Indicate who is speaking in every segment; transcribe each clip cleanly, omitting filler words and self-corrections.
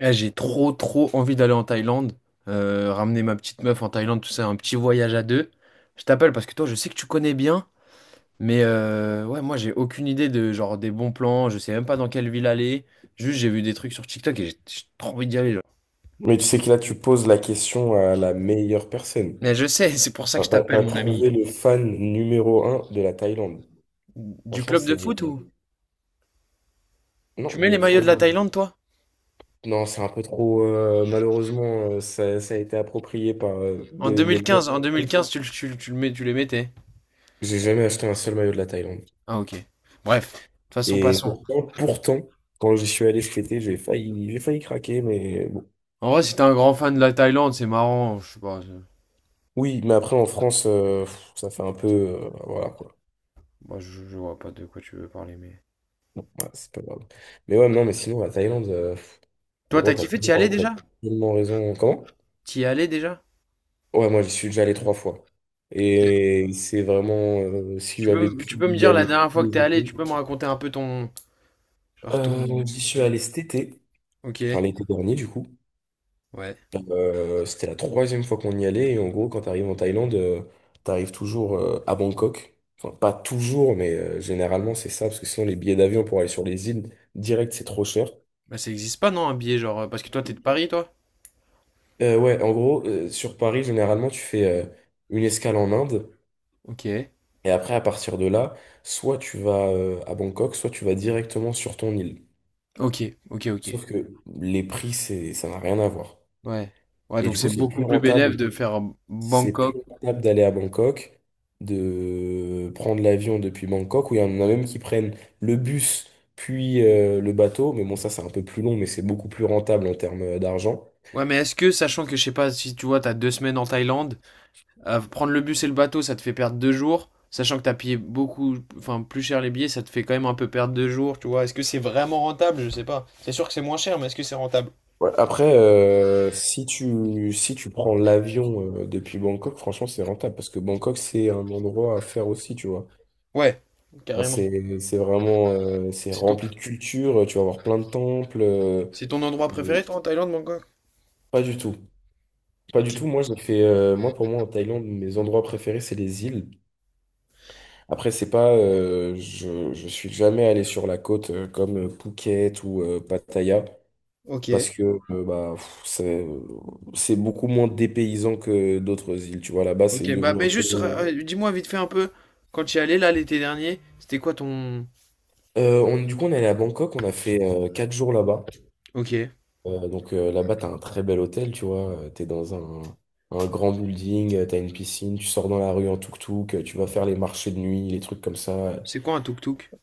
Speaker 1: Eh, j'ai trop trop envie d'aller en Thaïlande, ramener ma petite meuf en Thaïlande, tout ça, un petit voyage à deux. Je t'appelle parce que toi, je sais que tu connais bien, mais ouais, moi, j'ai aucune idée de genre des bons plans, je sais même pas dans quelle ville aller. Juste, j'ai vu des trucs sur TikTok et j'ai trop envie d'y aller. Genre.
Speaker 2: Mais tu sais que là, tu poses la question à la meilleure personne.
Speaker 1: Mais je sais, c'est pour ça que je
Speaker 2: Enfin, T'as
Speaker 1: t'appelle,
Speaker 2: t'as
Speaker 1: mon ami.
Speaker 2: trouvé le fan numéro un de la Thaïlande.
Speaker 1: Du
Speaker 2: Franchement,
Speaker 1: club de
Speaker 2: c'est...
Speaker 1: foot ou?
Speaker 2: Non,
Speaker 1: Tu mets les
Speaker 2: le
Speaker 1: maillots de la
Speaker 2: fan...
Speaker 1: Thaïlande, toi?
Speaker 2: Non, c'est un peu trop... malheureusement, ça a été approprié par
Speaker 1: En deux
Speaker 2: les
Speaker 1: mille
Speaker 2: bons.
Speaker 1: quinze, en 2015, tu le mets, tu les mettais.
Speaker 2: J'ai jamais acheté un seul maillot de la Thaïlande.
Speaker 1: Ah, ok. Bref, de toute façon,
Speaker 2: Et
Speaker 1: passons.
Speaker 2: pourtant, quand j'y suis allé cet été, j'ai failli craquer, mais bon.
Speaker 1: En vrai, si t'es un grand fan de la Thaïlande, c'est marrant, je sais pas.
Speaker 2: Oui, mais après, en France, ça fait un peu... voilà, quoi.
Speaker 1: Moi, je vois pas de quoi tu veux parler, mais.
Speaker 2: Bon, ouais, c'est pas grave. Mais ouais, non, mais sinon, la Thaïlande,
Speaker 1: Toi,
Speaker 2: gros,
Speaker 1: t'as
Speaker 2: t'as
Speaker 1: kiffé? T'y allais
Speaker 2: tellement, t'as
Speaker 1: déjà?
Speaker 2: tellement raison. Comment?
Speaker 1: T'y es allé déjà?
Speaker 2: Ouais, moi, j'y suis déjà allé trois fois. Et c'est vraiment, si
Speaker 1: Tu peux,
Speaker 2: j'avais
Speaker 1: m- tu
Speaker 2: pu
Speaker 1: peux me
Speaker 2: y
Speaker 1: dire la
Speaker 2: aller tous
Speaker 1: dernière fois que t'es
Speaker 2: les
Speaker 1: allé, tu
Speaker 2: étés,
Speaker 1: peux me raconter un peu ton. Genre ton.
Speaker 2: j'y suis
Speaker 1: ton-
Speaker 2: allé cet été,
Speaker 1: Ok,
Speaker 2: enfin l'été dernier, du coup.
Speaker 1: ouais.
Speaker 2: C'était la troisième fois qu'on y allait. Et en gros, quand t'arrives en Thaïlande, t'arrives toujours à Bangkok. Enfin, pas toujours, mais généralement, c'est ça, parce que sinon, les billets d'avion pour aller sur les îles direct, c'est trop cher.
Speaker 1: Bah, ça existe pas, non, un billet, genre. Parce que toi, t'es de Paris, toi?
Speaker 2: Ouais, en gros, sur Paris, généralement, tu fais une escale en Inde.
Speaker 1: Ok,
Speaker 2: Et après, à partir de là, soit tu vas à Bangkok, soit tu vas directement sur ton île.
Speaker 1: ok, ok, ok.
Speaker 2: Sauf que les prix, c'est, ça n'a rien à voir.
Speaker 1: Ouais. Ouais,
Speaker 2: Et
Speaker 1: donc
Speaker 2: du
Speaker 1: c'est
Speaker 2: coup, c'est plus
Speaker 1: beaucoup plus bénéf
Speaker 2: rentable.
Speaker 1: de faire
Speaker 2: C'est plus
Speaker 1: Bangkok.
Speaker 2: rentable d'aller à Bangkok, de prendre l'avion depuis Bangkok, où il y en a même qui prennent le bus, puis le bateau. Mais bon, ça, c'est un peu plus long, mais c'est beaucoup plus rentable en termes d'argent.
Speaker 1: Ouais, mais est-ce que, sachant que, je sais pas, si tu vois, t'as 2 semaines en Thaïlande, prendre le bus et le bateau, ça te fait perdre 2 jours. Sachant que t'as payé beaucoup, enfin plus cher les billets, ça te fait quand même un peu perdre 2 jours, tu vois. Est-ce que c'est vraiment rentable? Je sais pas. C'est sûr que c'est moins cher, mais est-ce que c'est rentable?
Speaker 2: Ouais, après, si tu prends l'avion depuis Bangkok, franchement, c'est rentable parce que Bangkok, c'est un endroit à faire aussi, tu vois.
Speaker 1: Ouais,
Speaker 2: Enfin,
Speaker 1: carrément.
Speaker 2: c'est vraiment, c'est
Speaker 1: C'est ton,
Speaker 2: rempli de culture, tu vas voir plein de temples.
Speaker 1: c'est ton endroit
Speaker 2: Mais
Speaker 1: préféré, toi, en Thaïlande, Bangkok?
Speaker 2: pas du tout. Pas du
Speaker 1: Ok.
Speaker 2: tout. Moi, j'ai fait, moi, pour moi, en Thaïlande, mes endroits préférés, c'est les îles. Après, c'est pas, je suis jamais allé sur la côte comme Phuket ou Pattaya.
Speaker 1: Ok.
Speaker 2: Parce que bah, c'est beaucoup moins dépaysant que d'autres îles. Tu vois, là-bas, c'est
Speaker 1: Ok, bah,
Speaker 2: devenu un
Speaker 1: mais
Speaker 2: peu.
Speaker 1: juste, dis-moi vite fait un peu, quand tu y allais, là, l'été dernier, c'était quoi ton...
Speaker 2: On, du coup, on est allé à Bangkok, on a fait 4 jours là-bas.
Speaker 1: Ok.
Speaker 2: Donc là-bas, t'as un très bel hôtel, tu vois. Tu t'es dans un, un grand building, t'as une piscine, tu sors dans la rue en tuk-tuk, tu vas faire les marchés de nuit, les trucs comme ça.
Speaker 1: C'est quoi un tuk-tuk?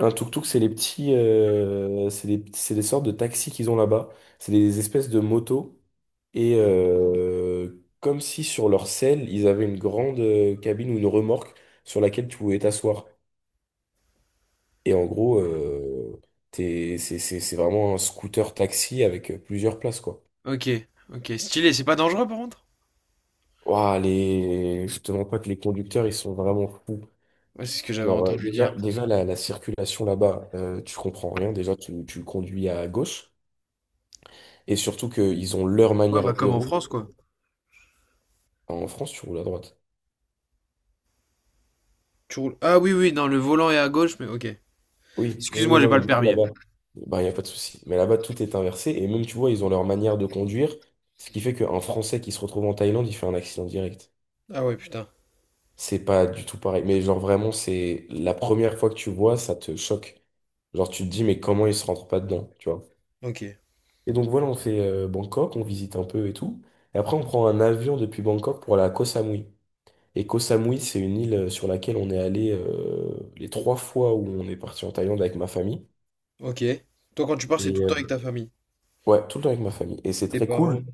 Speaker 2: Un tuk-tuk, c'est les petits, c'est des sortes de taxis qu'ils ont là-bas. C'est des espèces de motos. Et comme si sur leur selle, ils avaient une grande cabine ou une remorque sur laquelle tu pouvais t'asseoir. Et en gros, c'est vraiment un scooter taxi avec plusieurs places, quoi.
Speaker 1: Ok. Ok. Stylé, c'est pas dangereux, par contre?
Speaker 2: Ouah, les... Je te demande pas que les conducteurs, ils sont vraiment fous.
Speaker 1: Ouais, c'est ce que j'avais
Speaker 2: Genre,
Speaker 1: entendu
Speaker 2: déjà,
Speaker 1: dire.
Speaker 2: déjà la circulation là-bas, tu comprends rien. Déjà, tu conduis à gauche. Et surtout qu'ils ont leur
Speaker 1: Ouais, bah,
Speaker 2: manière de
Speaker 1: comme en
Speaker 2: rouler.
Speaker 1: France, quoi.
Speaker 2: En France, tu roules à droite.
Speaker 1: Tu roules... Ah oui, oui, non, le volant est à gauche, mais ok.
Speaker 2: Oui, oui,
Speaker 1: Excuse-moi,
Speaker 2: oui,
Speaker 1: j'ai
Speaker 2: non,
Speaker 1: pas
Speaker 2: mais
Speaker 1: le
Speaker 2: du coup,
Speaker 1: permis.
Speaker 2: là-bas, bah, il n'y a pas de souci. Mais là-bas, tout est inversé. Et même, tu vois, ils ont leur manière de conduire. Ce qui fait qu'un Français qui se retrouve en Thaïlande, il fait un accident direct.
Speaker 1: Ah ouais, putain.
Speaker 2: C'est pas du tout pareil. Mais genre, vraiment, c'est la première fois que tu vois, ça te choque. Genre, tu te dis, mais comment ils se rentrent pas dedans, tu vois?
Speaker 1: Ok.
Speaker 2: Et donc, voilà, on fait Bangkok, on visite un peu et tout. Et après, on prend un avion depuis Bangkok pour aller à Koh Samui. Et Koh Samui, c'est une île sur laquelle on est allé les trois fois où on est parti en Thaïlande avec ma famille.
Speaker 1: Ok. Toi, quand tu pars, c'est tout
Speaker 2: Et
Speaker 1: le temps avec ta famille.
Speaker 2: ouais, tout le temps avec ma famille. Et c'est
Speaker 1: Tes
Speaker 2: très cool.
Speaker 1: parents.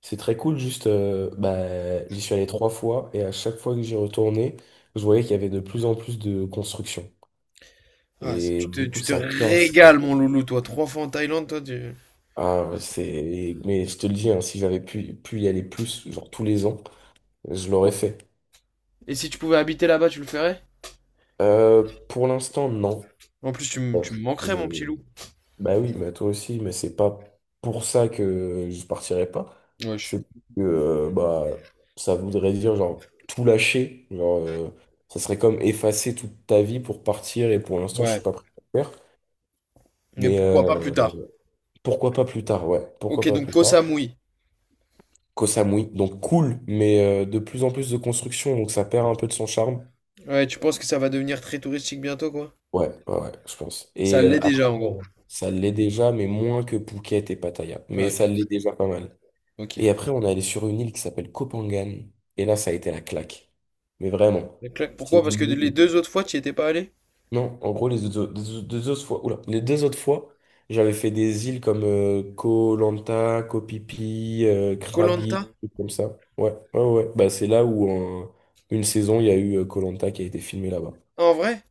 Speaker 2: C'est très cool, juste, bah, j'y suis allé trois fois et à chaque fois que j'y retournais, je voyais qu'il y avait de plus en plus de construction.
Speaker 1: Ah, c'est-
Speaker 2: Et
Speaker 1: tu te,
Speaker 2: du coup,
Speaker 1: tu te
Speaker 2: ça casse.
Speaker 1: régales, mon loulou, toi. 3 fois en Thaïlande, toi, tu...
Speaker 2: Ah, c'est... Mais je te le dis, hein, si j'avais pu y aller plus, genre tous les ans, je l'aurais fait.
Speaker 1: Et si tu pouvais habiter là-bas, tu le ferais?
Speaker 2: Euh, pour l'instant, non.
Speaker 1: En plus, tu me manquerais, mon petit
Speaker 2: Euh,
Speaker 1: loup.
Speaker 2: Bah oui, bah toi aussi, mais c'est pas pour ça que je partirais pas.
Speaker 1: Wesh.
Speaker 2: C'est que bah ça voudrait dire genre tout lâcher, genre ça serait comme effacer toute ta vie pour partir et pour l'instant je suis
Speaker 1: Ouais.
Speaker 2: pas prêt à le faire.
Speaker 1: Mais
Speaker 2: Mais
Speaker 1: pourquoi pas plus tard?
Speaker 2: pourquoi pas plus tard, ouais,
Speaker 1: Ok,
Speaker 2: pourquoi pas
Speaker 1: donc
Speaker 2: plus
Speaker 1: Koh
Speaker 2: tard.
Speaker 1: Samui.
Speaker 2: Koh Samui, donc cool, mais de plus en plus de construction, donc ça perd un peu de son charme.
Speaker 1: Ouais, tu penses que ça va devenir très touristique bientôt, quoi?
Speaker 2: Ouais, ouais, ouais, je pense.
Speaker 1: Ça
Speaker 2: Et
Speaker 1: l'est déjà,
Speaker 2: après,
Speaker 1: en gros.
Speaker 2: ça l'est déjà, mais moins que Phuket et Pattaya. Mais
Speaker 1: Ouais,
Speaker 2: ça
Speaker 1: bien
Speaker 2: l'est
Speaker 1: sûr.
Speaker 2: déjà pas mal.
Speaker 1: Ok.
Speaker 2: Et après, on est allé sur une île qui s'appelle Kopangan. Et là, ça a été la claque. Mais vraiment.
Speaker 1: Clac.
Speaker 2: C'est
Speaker 1: Pourquoi?
Speaker 2: une
Speaker 1: Parce que les
Speaker 2: île.
Speaker 1: deux autres fois, tu y étais pas allé?
Speaker 2: Non, en gros, les deux, au- deux- deux autres fois, oula, les deux autres fois, j'avais fait des îles comme Koh Lanta, Koh Phi Phi,
Speaker 1: Koh Lanta?
Speaker 2: Krabi, des trucs comme ça. Ouais, ouais, ouais, ouais. Bah, c'est là où, en une saison, il y a eu Koh Lanta qui a été filmé là-bas.
Speaker 1: Ah, en vrai?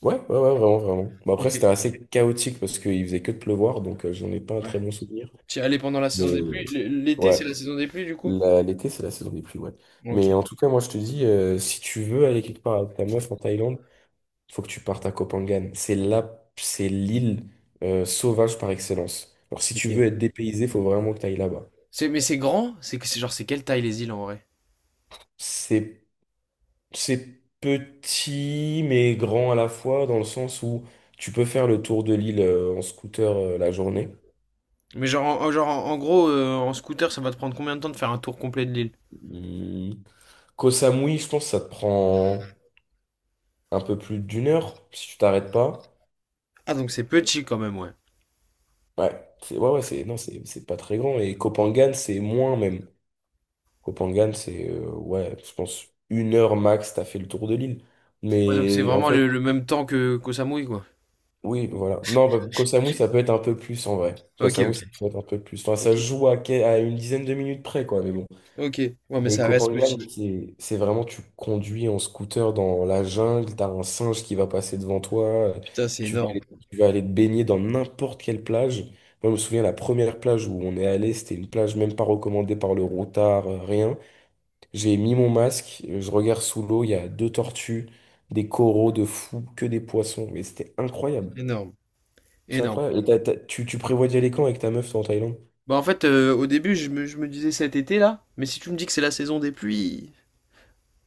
Speaker 2: Ouais, ouais, ouais, vraiment, vraiment. Bah, après,
Speaker 1: Ok.
Speaker 2: c'était assez chaotique parce qu'il faisait que de pleuvoir, donc j'en ai pas un
Speaker 1: Ouais.
Speaker 2: très bon souvenir.
Speaker 1: Tu y allais pendant la saison des pluies?
Speaker 2: Mais
Speaker 1: L'été, c'est la
Speaker 2: ouais,
Speaker 1: saison des pluies, du coup?
Speaker 2: L'été, c'est la saison des pluies, ouais.
Speaker 1: Ok.
Speaker 2: Mais en tout cas, moi, je te dis, si tu veux aller quelque part avec ta meuf en Thaïlande, il faut que tu partes à Koh Phangan. C'est là, c'est l'île sauvage par excellence. Alors, si tu veux
Speaker 1: Ok.
Speaker 2: être dépaysé, faut vraiment que tu ailles là-bas.
Speaker 1: Mais c'est grand? C'est quelle taille les îles en vrai?
Speaker 2: C'est, c'est petit, mais grand à la fois, dans le sens où tu peux faire le tour de l'île en scooter la journée.
Speaker 1: Mais genre, genre, en gros, en scooter, ça va te prendre combien de temps de faire un tour complet de l'île?
Speaker 2: Hum, Koh Samui, je pense que ça te prend un peu plus d'une heure, si tu t'arrêtes pas.
Speaker 1: Ah, donc c'est petit quand même, ouais.
Speaker 2: Ouais, c'est ouais, ouais, c'est non, c'est pas très grand. Et Kopangan, c'est moins même. Kopangan, c'est ouais, je pense une heure max, t'as fait le tour de l'île.
Speaker 1: Ouais, donc c'est
Speaker 2: Mais en
Speaker 1: vraiment
Speaker 2: fait,
Speaker 1: le même temps que qu'au Samui, quoi.
Speaker 2: oui, voilà. Non, bah, Koh Samui, ça peut être un peu plus en vrai. Koh
Speaker 1: Ok,
Speaker 2: Samui,
Speaker 1: ok.
Speaker 2: ça peut être un peu plus. Enfin, ça
Speaker 1: Ok.
Speaker 2: se joue à une dizaine de minutes près, quoi. Mais bon.
Speaker 1: Ok. Ouais, mais
Speaker 2: Mais
Speaker 1: ça reste
Speaker 2: Kopangan,
Speaker 1: petit.
Speaker 2: c'est vraiment, tu conduis en scooter dans la jungle, t'as un singe qui va passer devant toi, euh,
Speaker 1: Putain, c'est
Speaker 2: tu vas
Speaker 1: énorme.
Speaker 2: aller, tu vas aller te baigner dans n'importe quelle plage. Moi, je me souviens, la première plage où on est allé, c'était une plage même pas recommandée par le routard, rien. J'ai mis mon masque, je regarde sous l'eau, il y a deux tortues, des coraux de fous, que des poissons, mais c'était incroyable.
Speaker 1: Énorme.
Speaker 2: C'est
Speaker 1: Énorme.
Speaker 2: incroyable. Et tu prévois d'y aller quand avec ta meuf toi, en Thaïlande?
Speaker 1: Bah, en fait, au début, je me disais cet été là, mais si tu me dis que c'est la saison des pluies,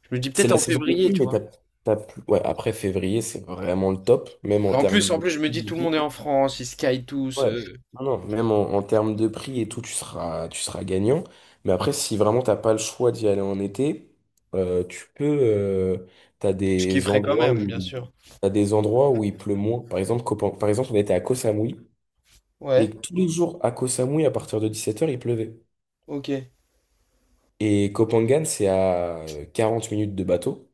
Speaker 1: je me dis
Speaker 2: C'est
Speaker 1: peut-être
Speaker 2: la
Speaker 1: en
Speaker 2: saison des
Speaker 1: février,
Speaker 2: pluies,
Speaker 1: tu
Speaker 2: mais
Speaker 1: vois.
Speaker 2: t'as plus... ouais, après février, c'est vraiment le top, même en
Speaker 1: Bah, en
Speaker 2: termes
Speaker 1: plus, en
Speaker 2: de
Speaker 1: plus, je me dis
Speaker 2: prix et
Speaker 1: tout le
Speaker 2: tout.
Speaker 1: monde est en France, ils skient tous.
Speaker 2: Ouais, non, non, même en termes de prix et tout, tu seras gagnant. Mais après, si vraiment t'as pas le choix d'y aller en été, tu peux. T'as
Speaker 1: Je
Speaker 2: des
Speaker 1: kifferais quand
Speaker 2: endroits
Speaker 1: même,
Speaker 2: où
Speaker 1: bien sûr.
Speaker 2: t'as des endroits où il pleut moins. Par exemple, par exemple, on était à Koh Samui et
Speaker 1: Ouais,
Speaker 2: tous les jours à Koh Samui, à partir de 17h, il pleuvait.
Speaker 1: ok,
Speaker 2: Et Koh Phangan, c'est à 40 minutes de bateau.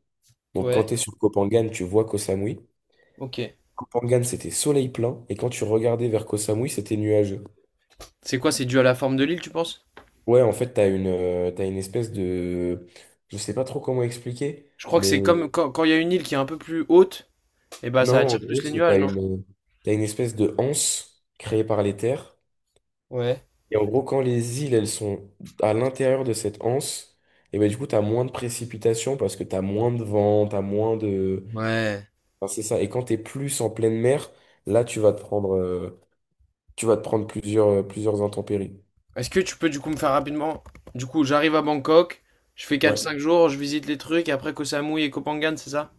Speaker 2: Donc quand
Speaker 1: ouais,
Speaker 2: tu es sur Koh Phangan, tu vois Koh Samui.
Speaker 1: ok.
Speaker 2: Kopangan, c'était soleil plein, et quand tu regardais vers Koh Samui, c'était nuageux.
Speaker 1: C'est quoi, c'est dû à la forme de l'île, tu penses?
Speaker 2: Ouais, en fait, t'as une espèce de... Je sais pas trop comment expliquer,
Speaker 1: Je crois que
Speaker 2: mais
Speaker 1: c'est comme quand il y a une île qui est un peu plus haute, et bah ça
Speaker 2: non, en
Speaker 1: attire
Speaker 2: gros,
Speaker 1: plus les
Speaker 2: c'est t'as
Speaker 1: nuages, non?
Speaker 2: une, t'as une espèce de anse créée par les terres.
Speaker 1: Ouais.
Speaker 2: Et en gros, quand les îles, elles sont à l'intérieur de cette anse, et ben du coup, t'as moins de précipitations parce que t'as moins de vent, t'as moins de...
Speaker 1: Ouais.
Speaker 2: Enfin, c'est ça. Et quand t'es plus en pleine mer, là, tu vas te prendre, tu vas te prendre plusieurs intempéries.
Speaker 1: Est-ce que tu peux du coup me faire rapidement? Du coup, j'arrive à Bangkok, je fais quatre cinq
Speaker 2: Ouais.
Speaker 1: jours, je visite les trucs, et après Koh Samui et Koh Phangan, c'est ça?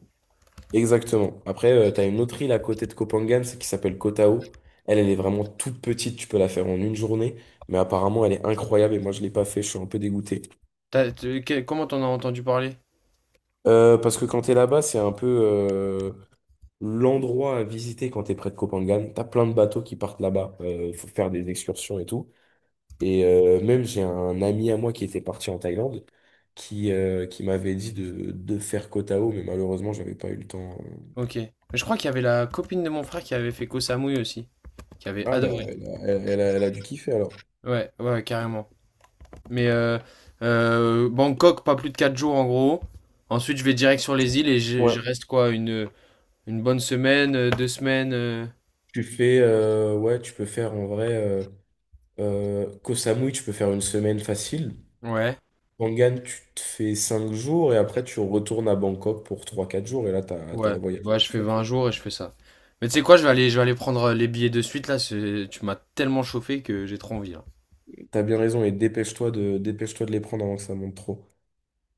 Speaker 2: Exactement. Après, tu as une autre île à côté de Kopangan, c'est qui s'appelle Koh Tao. Elle, elle est vraiment toute petite, tu peux la faire en une journée, mais apparemment, elle est incroyable et moi, je l'ai pas fait, je suis un peu dégoûté.
Speaker 1: Comment t'en as entendu parler?
Speaker 2: Parce que quand t'es là-bas, c'est un peu l'endroit à visiter quand t'es près de Kopangan. Tu as plein de bateaux qui partent là-bas, il faut faire des excursions et tout. Et même, j'ai un ami à moi qui était parti en Thaïlande, qui m'avait dit de faire Koh Tao, mais malheureusement, j'avais pas eu le temps.
Speaker 1: Ok. Je crois qu'il y avait la copine de mon frère qui avait fait Koh Samui aussi, qui avait
Speaker 2: Ah bah,
Speaker 1: adoré.
Speaker 2: elle a dû kiffer alors.
Speaker 1: Ouais, ouais, ouais, carrément. Mais Bangkok, pas plus de 4 jours en gros. Ensuite, je vais direct sur les îles et je,
Speaker 2: Ouais.
Speaker 1: je reste quoi, une bonne semaine, 2 semaines.
Speaker 2: Tu fais, ouais, tu peux faire en vrai, Koh Samui, tu peux faire une semaine facile.
Speaker 1: Ouais,
Speaker 2: Pangan, tu te fais 5 jours et après tu retournes à Bangkok pour trois quatre jours et là, t'as
Speaker 1: ouais,
Speaker 2: le voyage
Speaker 1: ouais, je fais
Speaker 2: fait.
Speaker 1: 20 jours et je fais ça. Mais tu sais quoi, je vais aller prendre les billets de suite là. Tu m'as tellement chauffé que j'ai trop envie là.
Speaker 2: T'as bien raison et dépêche-toi de les prendre avant que ça monte trop.